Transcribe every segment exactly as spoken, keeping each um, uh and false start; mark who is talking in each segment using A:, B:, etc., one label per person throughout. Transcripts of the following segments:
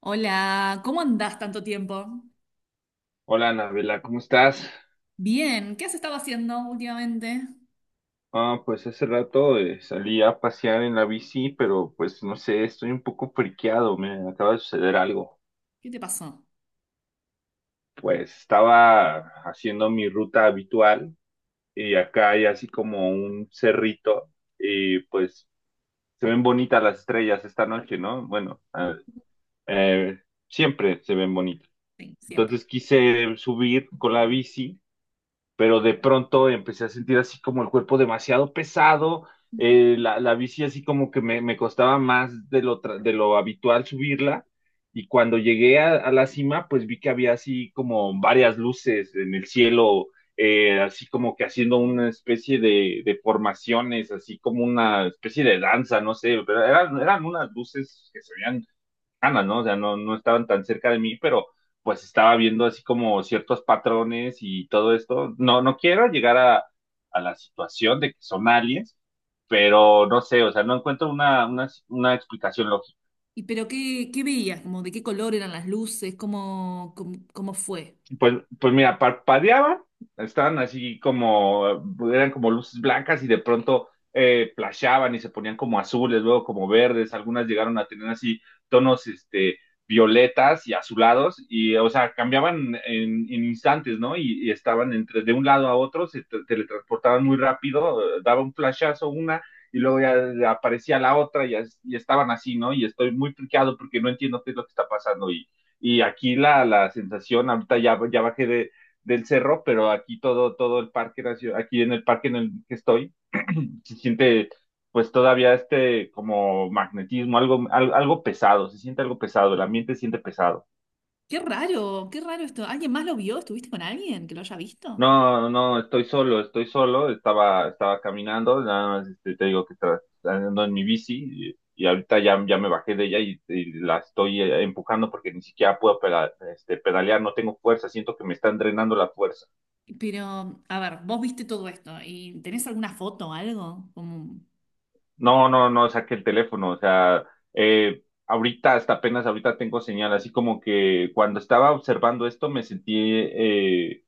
A: Hola, ¿cómo andás tanto tiempo?
B: Hola, Anabela, ¿cómo estás?
A: Bien, ¿qué has estado haciendo últimamente?
B: Ah, pues hace rato eh, salí a pasear en la bici, pero pues no sé, estoy un poco friqueado, me acaba de suceder algo.
A: ¿Qué te pasó?
B: Pues estaba haciendo mi ruta habitual y acá hay así como un cerrito y pues se ven bonitas las estrellas esta noche, ¿no? Bueno, ah, eh, siempre se ven bonitas.
A: Sí, siempre.
B: Entonces quise subir con la bici pero de pronto empecé a sentir así como el cuerpo demasiado pesado,
A: Ujú.
B: eh, la, la bici así como que me, me costaba más de lo, tra- de lo habitual subirla, y cuando llegué a, a la cima, pues vi que había así como varias luces en el cielo, eh, así como que haciendo una especie de, de formaciones, así como una especie de danza, no sé, pero eran, eran unas luces que se veían cercanas, ¿no? O sea, no, no estaban tan cerca de mí, pero pues estaba viendo así como ciertos patrones y todo esto. No, no quiero llegar a, a la situación de que son aliens, pero no sé, o sea, no encuentro una, una, una explicación.
A: ¿Y pero qué, qué veías? ¿Como de qué color eran las luces? ¿Cómo, cómo, cómo fue?
B: Pues, pues mira, parpadeaban, estaban así como, eran como luces blancas y de pronto eh, flashaban y se ponían como azules, luego como verdes, algunas llegaron a tener así tonos este, violetas y azulados, y o sea, cambiaban en, en instantes, ¿no? Y, y estaban entre, de un lado a otro, se tra- teletransportaban muy rápido, eh, daba un flashazo una y luego ya aparecía la otra y, as- y estaban así, ¿no? Y estoy muy friqueado porque no entiendo qué es lo que está pasando y aquí la, la sensación, ahorita ya, ya bajé de, del cerro, pero aquí todo, todo el parque, nacio- aquí en el parque en el que estoy, se siente pues todavía este como magnetismo, algo, al- algo pesado, se siente algo pesado, el ambiente se siente pesado.
A: Qué raro, qué raro esto. ¿Alguien más lo vio? ¿Estuviste con alguien que lo haya visto?
B: No, no, estoy solo, estoy solo, estaba, estaba caminando, nada más este, te digo que estaba andando en mi bici y, y ahorita ya, ya me bajé de ella y, y la estoy eh, empujando porque ni siquiera puedo peda- este, pedalear, no tengo fuerza, siento que me están drenando la fuerza.
A: Pero, a ver, vos viste todo esto y ¿tenés alguna foto o algo? Como...
B: No, no, no saqué el teléfono, o sea, eh, ahorita, hasta apenas ahorita tengo señal, así como que cuando estaba observando esto me sentí, eh,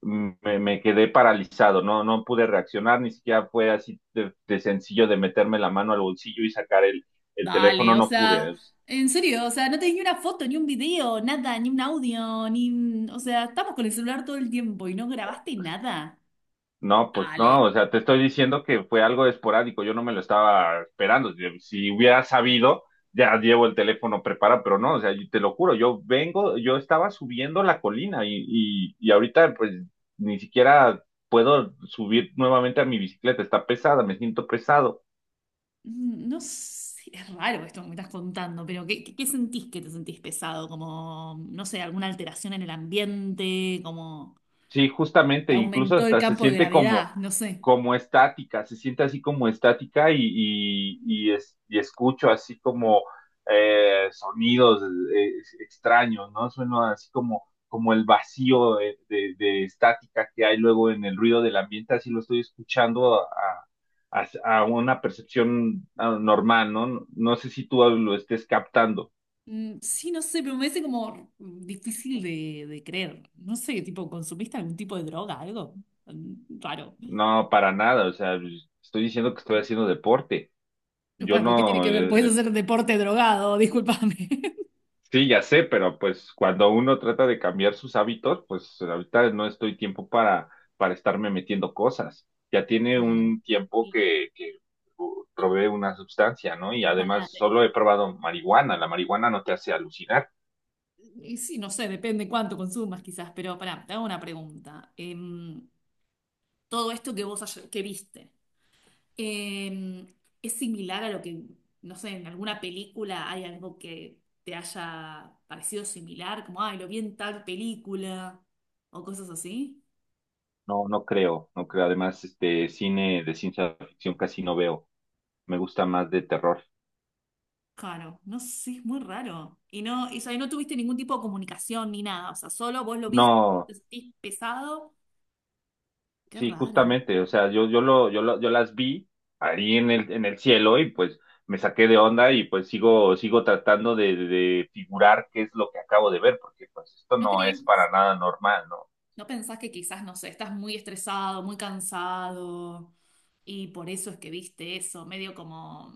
B: me, me quedé paralizado, no, no pude reaccionar, ni siquiera fue así de, de sencillo de meterme la mano al bolsillo y sacar el, el
A: Dale,
B: teléfono,
A: o
B: no pude.
A: sea, en serio, o sea, no tenés ni una foto, ni un video, nada, ni un audio, ni... un- O sea, estamos con el celular todo el tiempo y no grabaste nada.
B: No, pues no,
A: Dale.
B: o sea, te estoy diciendo que fue algo esporádico, yo no me lo estaba esperando. Si si hubiera sabido, ya llevo el teléfono preparado, pero no, o sea, y te lo juro, yo vengo, yo estaba subiendo la colina y, y, y ahorita pues ni siquiera puedo subir nuevamente a mi bicicleta, está pesada, me siento pesado.
A: Mm, no sé, es raro esto que me estás contando, pero ¿qué, qué, qué sentís que te sentís pesado? Como, no sé, alguna alteración en el ambiente, como
B: Sí,
A: que
B: justamente, incluso
A: aumentó el
B: hasta se
A: campo de
B: siente como,
A: gravedad, no sé.
B: como estática, se siente así como estática y, y, y es- y escucho así como eh, sonidos eh, extraños, ¿no? Suena así como, como el vacío de, de- de estática que hay luego en el ruido del ambiente, así lo estoy escuchando a, a- a una percepción ah, normal, ¿no? No sé si tú lo estés captando.
A: Mm, sí, no sé, pero me parece como difícil de, de creer. No sé, tipo, ¿consumiste algún tipo de droga, algo? Mm, raro.
B: No, para nada, o sea, estoy diciendo que estoy haciendo deporte. Yo
A: Bueno, ¿por qué tiene
B: no,
A: que ver? Podés
B: eh.
A: hacer deporte drogado, discúlpame.
B: Sí, ya sé, pero pues cuando uno trata de cambiar sus hábitos, pues ahorita no estoy tiempo para, para estarme metiendo cosas. Ya tiene
A: Claro.
B: un tiempo
A: Y,
B: que, que uh,
A: y,
B: probé una sustancia, ¿no? Y
A: y pará,
B: además
A: de-
B: solo he probado marihuana. La marihuana no te hace alucinar.
A: y sí, no sé, depende cuánto consumas quizás, pero pará, te hago una pregunta. Em, todo esto que vos ayer- que viste, em, ¿es similar a lo que, no sé, en alguna película hay algo que te haya parecido similar? Como, ay, lo vi en tal película o cosas así.
B: No, no creo, no creo. Además, este cine de ciencia ficción casi no veo. Me gusta más de terror.
A: Claro, no sé, es muy raro. Y no, y, o sea, y no tuviste ningún tipo de comunicación ni nada, o sea, solo vos lo viste,
B: No.
A: te sentís pesado. Qué
B: Sí,
A: raro, ¿no?
B: justamente, o sea, yo, yo lo, yo lo- yo las vi ahí en el, en el cielo y pues me saqué de onda y pues sigo, sigo tratando de, de- de figurar qué es lo que acabo de ver, porque pues esto
A: ¿No
B: no es
A: crees?
B: para nada normal, ¿no?
A: ¿No pensás que quizás, no sé, estás muy estresado, muy cansado y por eso es que viste eso, medio como,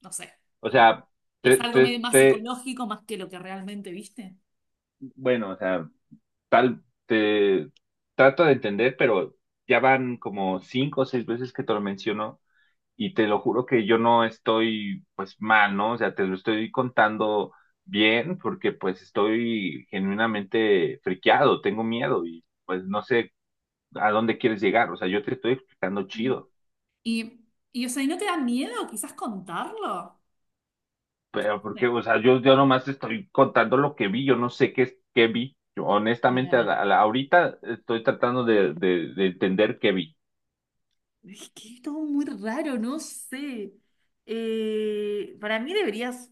A: no sé,
B: O
A: como
B: sea, te,
A: es algo medio
B: te,
A: más
B: te,
A: psicológico más que lo que realmente viste?
B: bueno, o sea, tal, te trato de entender, pero ya van como cinco o seis veces que te lo menciono y te lo juro que yo no estoy pues mal, ¿no? O sea, te lo estoy contando bien porque pues estoy genuinamente friqueado, tengo miedo y pues no sé a dónde quieres llegar, o sea, yo te estoy explicando
A: Sí.
B: chido,
A: Y, y, o sea, ¿y no te da miedo quizás contarlo?
B: pero
A: Sí.
B: porque, o sea, yo, yo nomás te estoy contando lo que vi, yo no sé qué, es- qué vi, yo honestamente a
A: Claro.
B: la- a la- ahorita estoy tratando de, de, de entender qué vi.
A: Es que es todo muy raro, no sé. Eh, para mí deberías,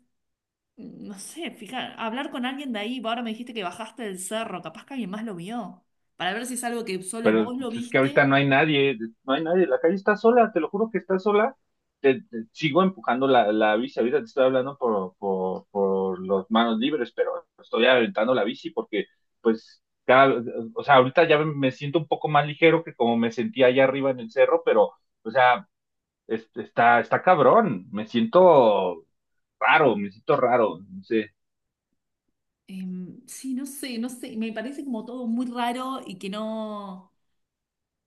A: no sé, fijar, hablar con alguien de ahí. Ahora me dijiste que bajaste del cerro, capaz que alguien más lo vio. Para ver si es algo que solo
B: Pero
A: vos lo
B: es que ahorita
A: viste.
B: no hay nadie, no hay nadie, la calle está sola, te lo juro que está sola. Te, te- sigo empujando la, la bici, ahorita te estoy hablando por, por, por los manos libres, pero estoy aventando la bici porque, pues, cada, o sea, ahorita ya me siento un poco más ligero que como me sentía allá arriba en el cerro, pero, o sea, es- está, está cabrón, me siento raro, me siento raro, no sé,
A: Em, sí, no sé, no sé. Me parece como todo muy raro y que no.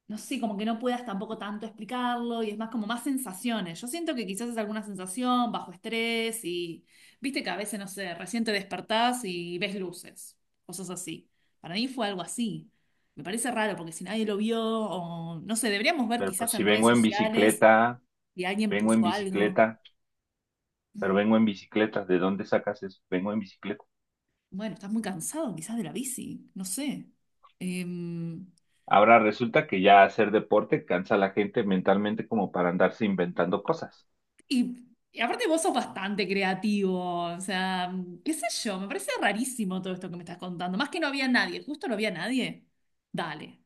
A: No sé, como que no puedas tampoco tanto explicarlo y es más como más sensaciones. Yo siento que quizás es alguna sensación bajo estrés y viste que a veces, no sé, recién te despertás y ves luces, cosas así. Para mí fue algo así. Me parece raro porque si nadie lo vio o no sé, deberíamos ver
B: pero pues
A: quizás
B: si
A: en redes
B: vengo en
A: sociales
B: bicicleta,
A: si alguien
B: vengo en
A: puso algo.
B: bicicleta. Pero
A: Mm,
B: vengo en bicicleta. ¿De dónde sacas eso? Vengo en bicicleta.
A: bueno, estás muy cansado quizás de la bici, no sé. Em,
B: Ahora resulta que ya hacer deporte cansa a la gente mentalmente como para andarse inventando cosas.
A: Y, y aparte vos sos bastante creativo, o sea, qué sé yo, me parece rarísimo todo esto que me estás contando. Más que no había nadie, justo no había nadie. Dale.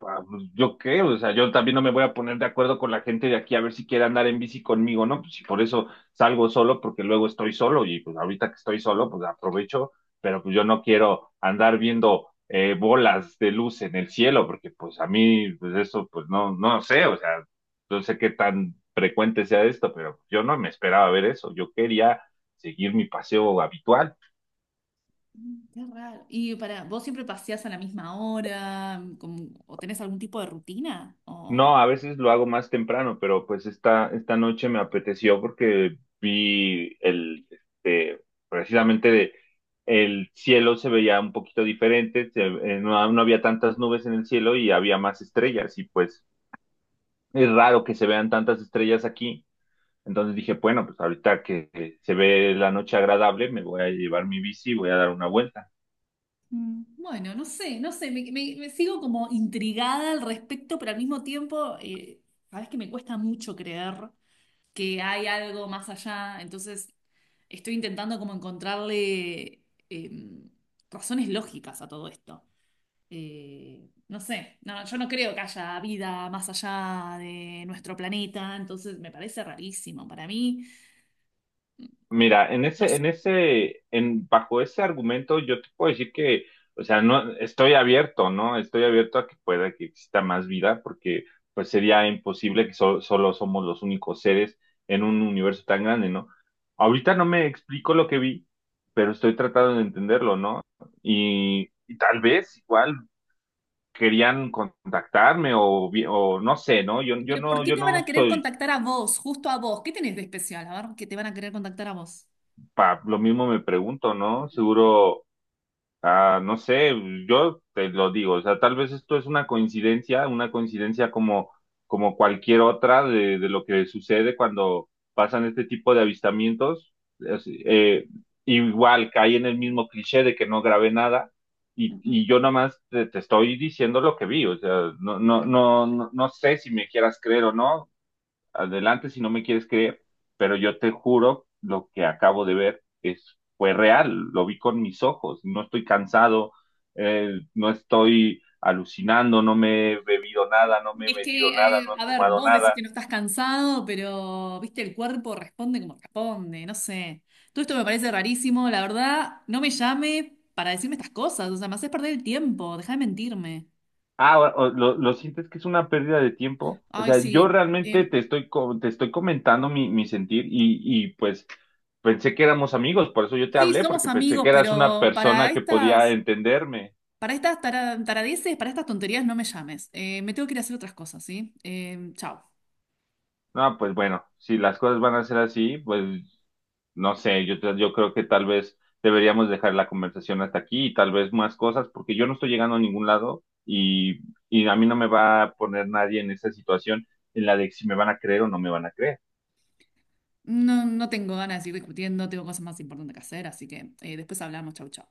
B: Ah, pues, ¿yo qué? O sea, yo también no me voy a poner de acuerdo con la gente de aquí a ver si quiere andar en bici conmigo, ¿no? Pues si por eso salgo solo, porque luego estoy solo y pues ahorita que estoy solo, pues aprovecho, pero pues yo no quiero andar viendo eh, bolas de luz en el cielo, porque pues a mí, pues eso, pues no, no sé, o sea, no sé qué tan frecuente sea esto, pero yo no me esperaba ver eso, yo quería seguir mi paseo habitual.
A: Mm, qué raro. Y para, ¿vos siempre paseás a la misma hora? Mm, ¿Con- ¿O tenés algún tipo de rutina? O,
B: No, a veces lo hago más temprano, pero pues esta, esta noche me apeteció porque vi el, este, precisamente de- el cielo se veía un poquito diferente, se- eh, no, no había tantas nubes en el cielo y había más estrellas y pues es raro que se vean tantas estrellas aquí. Entonces dije, bueno, pues ahorita que que se ve la noche agradable, me voy a llevar mi bici y voy a dar una vuelta.
A: mm, bueno, no sé, no sé, me, me- me sigo como intrigada al respecto, pero al mismo tiempo, eh, sabes que me cuesta mucho creer que hay algo más allá. Entonces, estoy intentando como encontrarle em, razones lógicas a todo esto. Eh, no sé, no, yo no creo que haya vida más allá de nuestro planeta, entonces me parece rarísimo para mí.
B: Mira, en
A: No
B: ese,
A: sé.
B: en ese, en, bajo ese argumento, yo te puedo decir que, o sea, no, estoy abierto, ¿no? Estoy abierto a que pueda que exista más vida, porque pues sería imposible que so- solo somos los únicos seres en un universo tan grande, ¿no? Ahorita no me explico lo que vi, pero estoy tratando de entenderlo, ¿no? Y, y tal vez igual querían contactarme o, vi- o no sé, ¿no? Yo, yo
A: Pero ¿por
B: no,
A: qué
B: yo
A: te van
B: no
A: a querer
B: soy,
A: contactar a vos, justo a vos? ¿Qué tenés de especial? A ver, que te van a querer contactar a vos.
B: pa, lo mismo me pregunto, ¿no? Seguro. Ah, no sé, yo te lo digo, o sea, tal vez esto es una coincidencia, una coincidencia como, como cualquier otra de, de lo que sucede cuando pasan este tipo de avistamientos. Es- eh, Igual cae en el mismo cliché de que no grabé nada y,
A: Ujú.
B: y yo nomás te, te estoy diciendo lo que vi, o sea, no, no, no, no, no sé si me quieras creer o no, adelante si no me quieres creer, pero yo te juro, lo que acabo de ver es, fue real, lo vi con mis ojos, no estoy cansado, eh, no estoy alucinando, no me he bebido nada, no me he
A: Es
B: metido
A: que,
B: nada,
A: eh,
B: no he
A: a ver,
B: fumado
A: vos decís que
B: nada.
A: no estás cansado, pero, viste, el cuerpo responde como responde, no sé. Todo esto me parece rarísimo, la verdad, no me llame para decirme estas cosas, o sea, me haces perder el tiempo, dejá de mentirme.
B: Ah, o- o- lo, lo sientes que es una pérdida de tiempo. O
A: Ay,
B: sea, yo
A: sí,
B: realmente
A: eh,
B: te estoy, co- te estoy comentando mi, mi sentir y, y pues pensé que éramos amigos, por eso yo te
A: sí,
B: hablé,
A: somos
B: porque pensé
A: amigos,
B: que eras una
A: pero para
B: persona que podía
A: estas,
B: entenderme.
A: para estas tara- taradeces, para estas tonterías no me llames. Eh, me tengo que ir a hacer otras cosas, ¿sí? Eh, chao.
B: No, pues bueno, si las cosas van a ser así, pues no sé, yo, te- yo creo que tal vez deberíamos dejar la conversación hasta aquí y tal vez más cosas, porque yo no estoy llegando a ningún lado y, y a mí no me va a poner nadie en esa situación en la de si me van a creer o no me van a creer.
A: No, no tengo ganas de seguir discutiendo, tengo cosas más importantes que hacer, así que eh, después hablamos, chau, chau.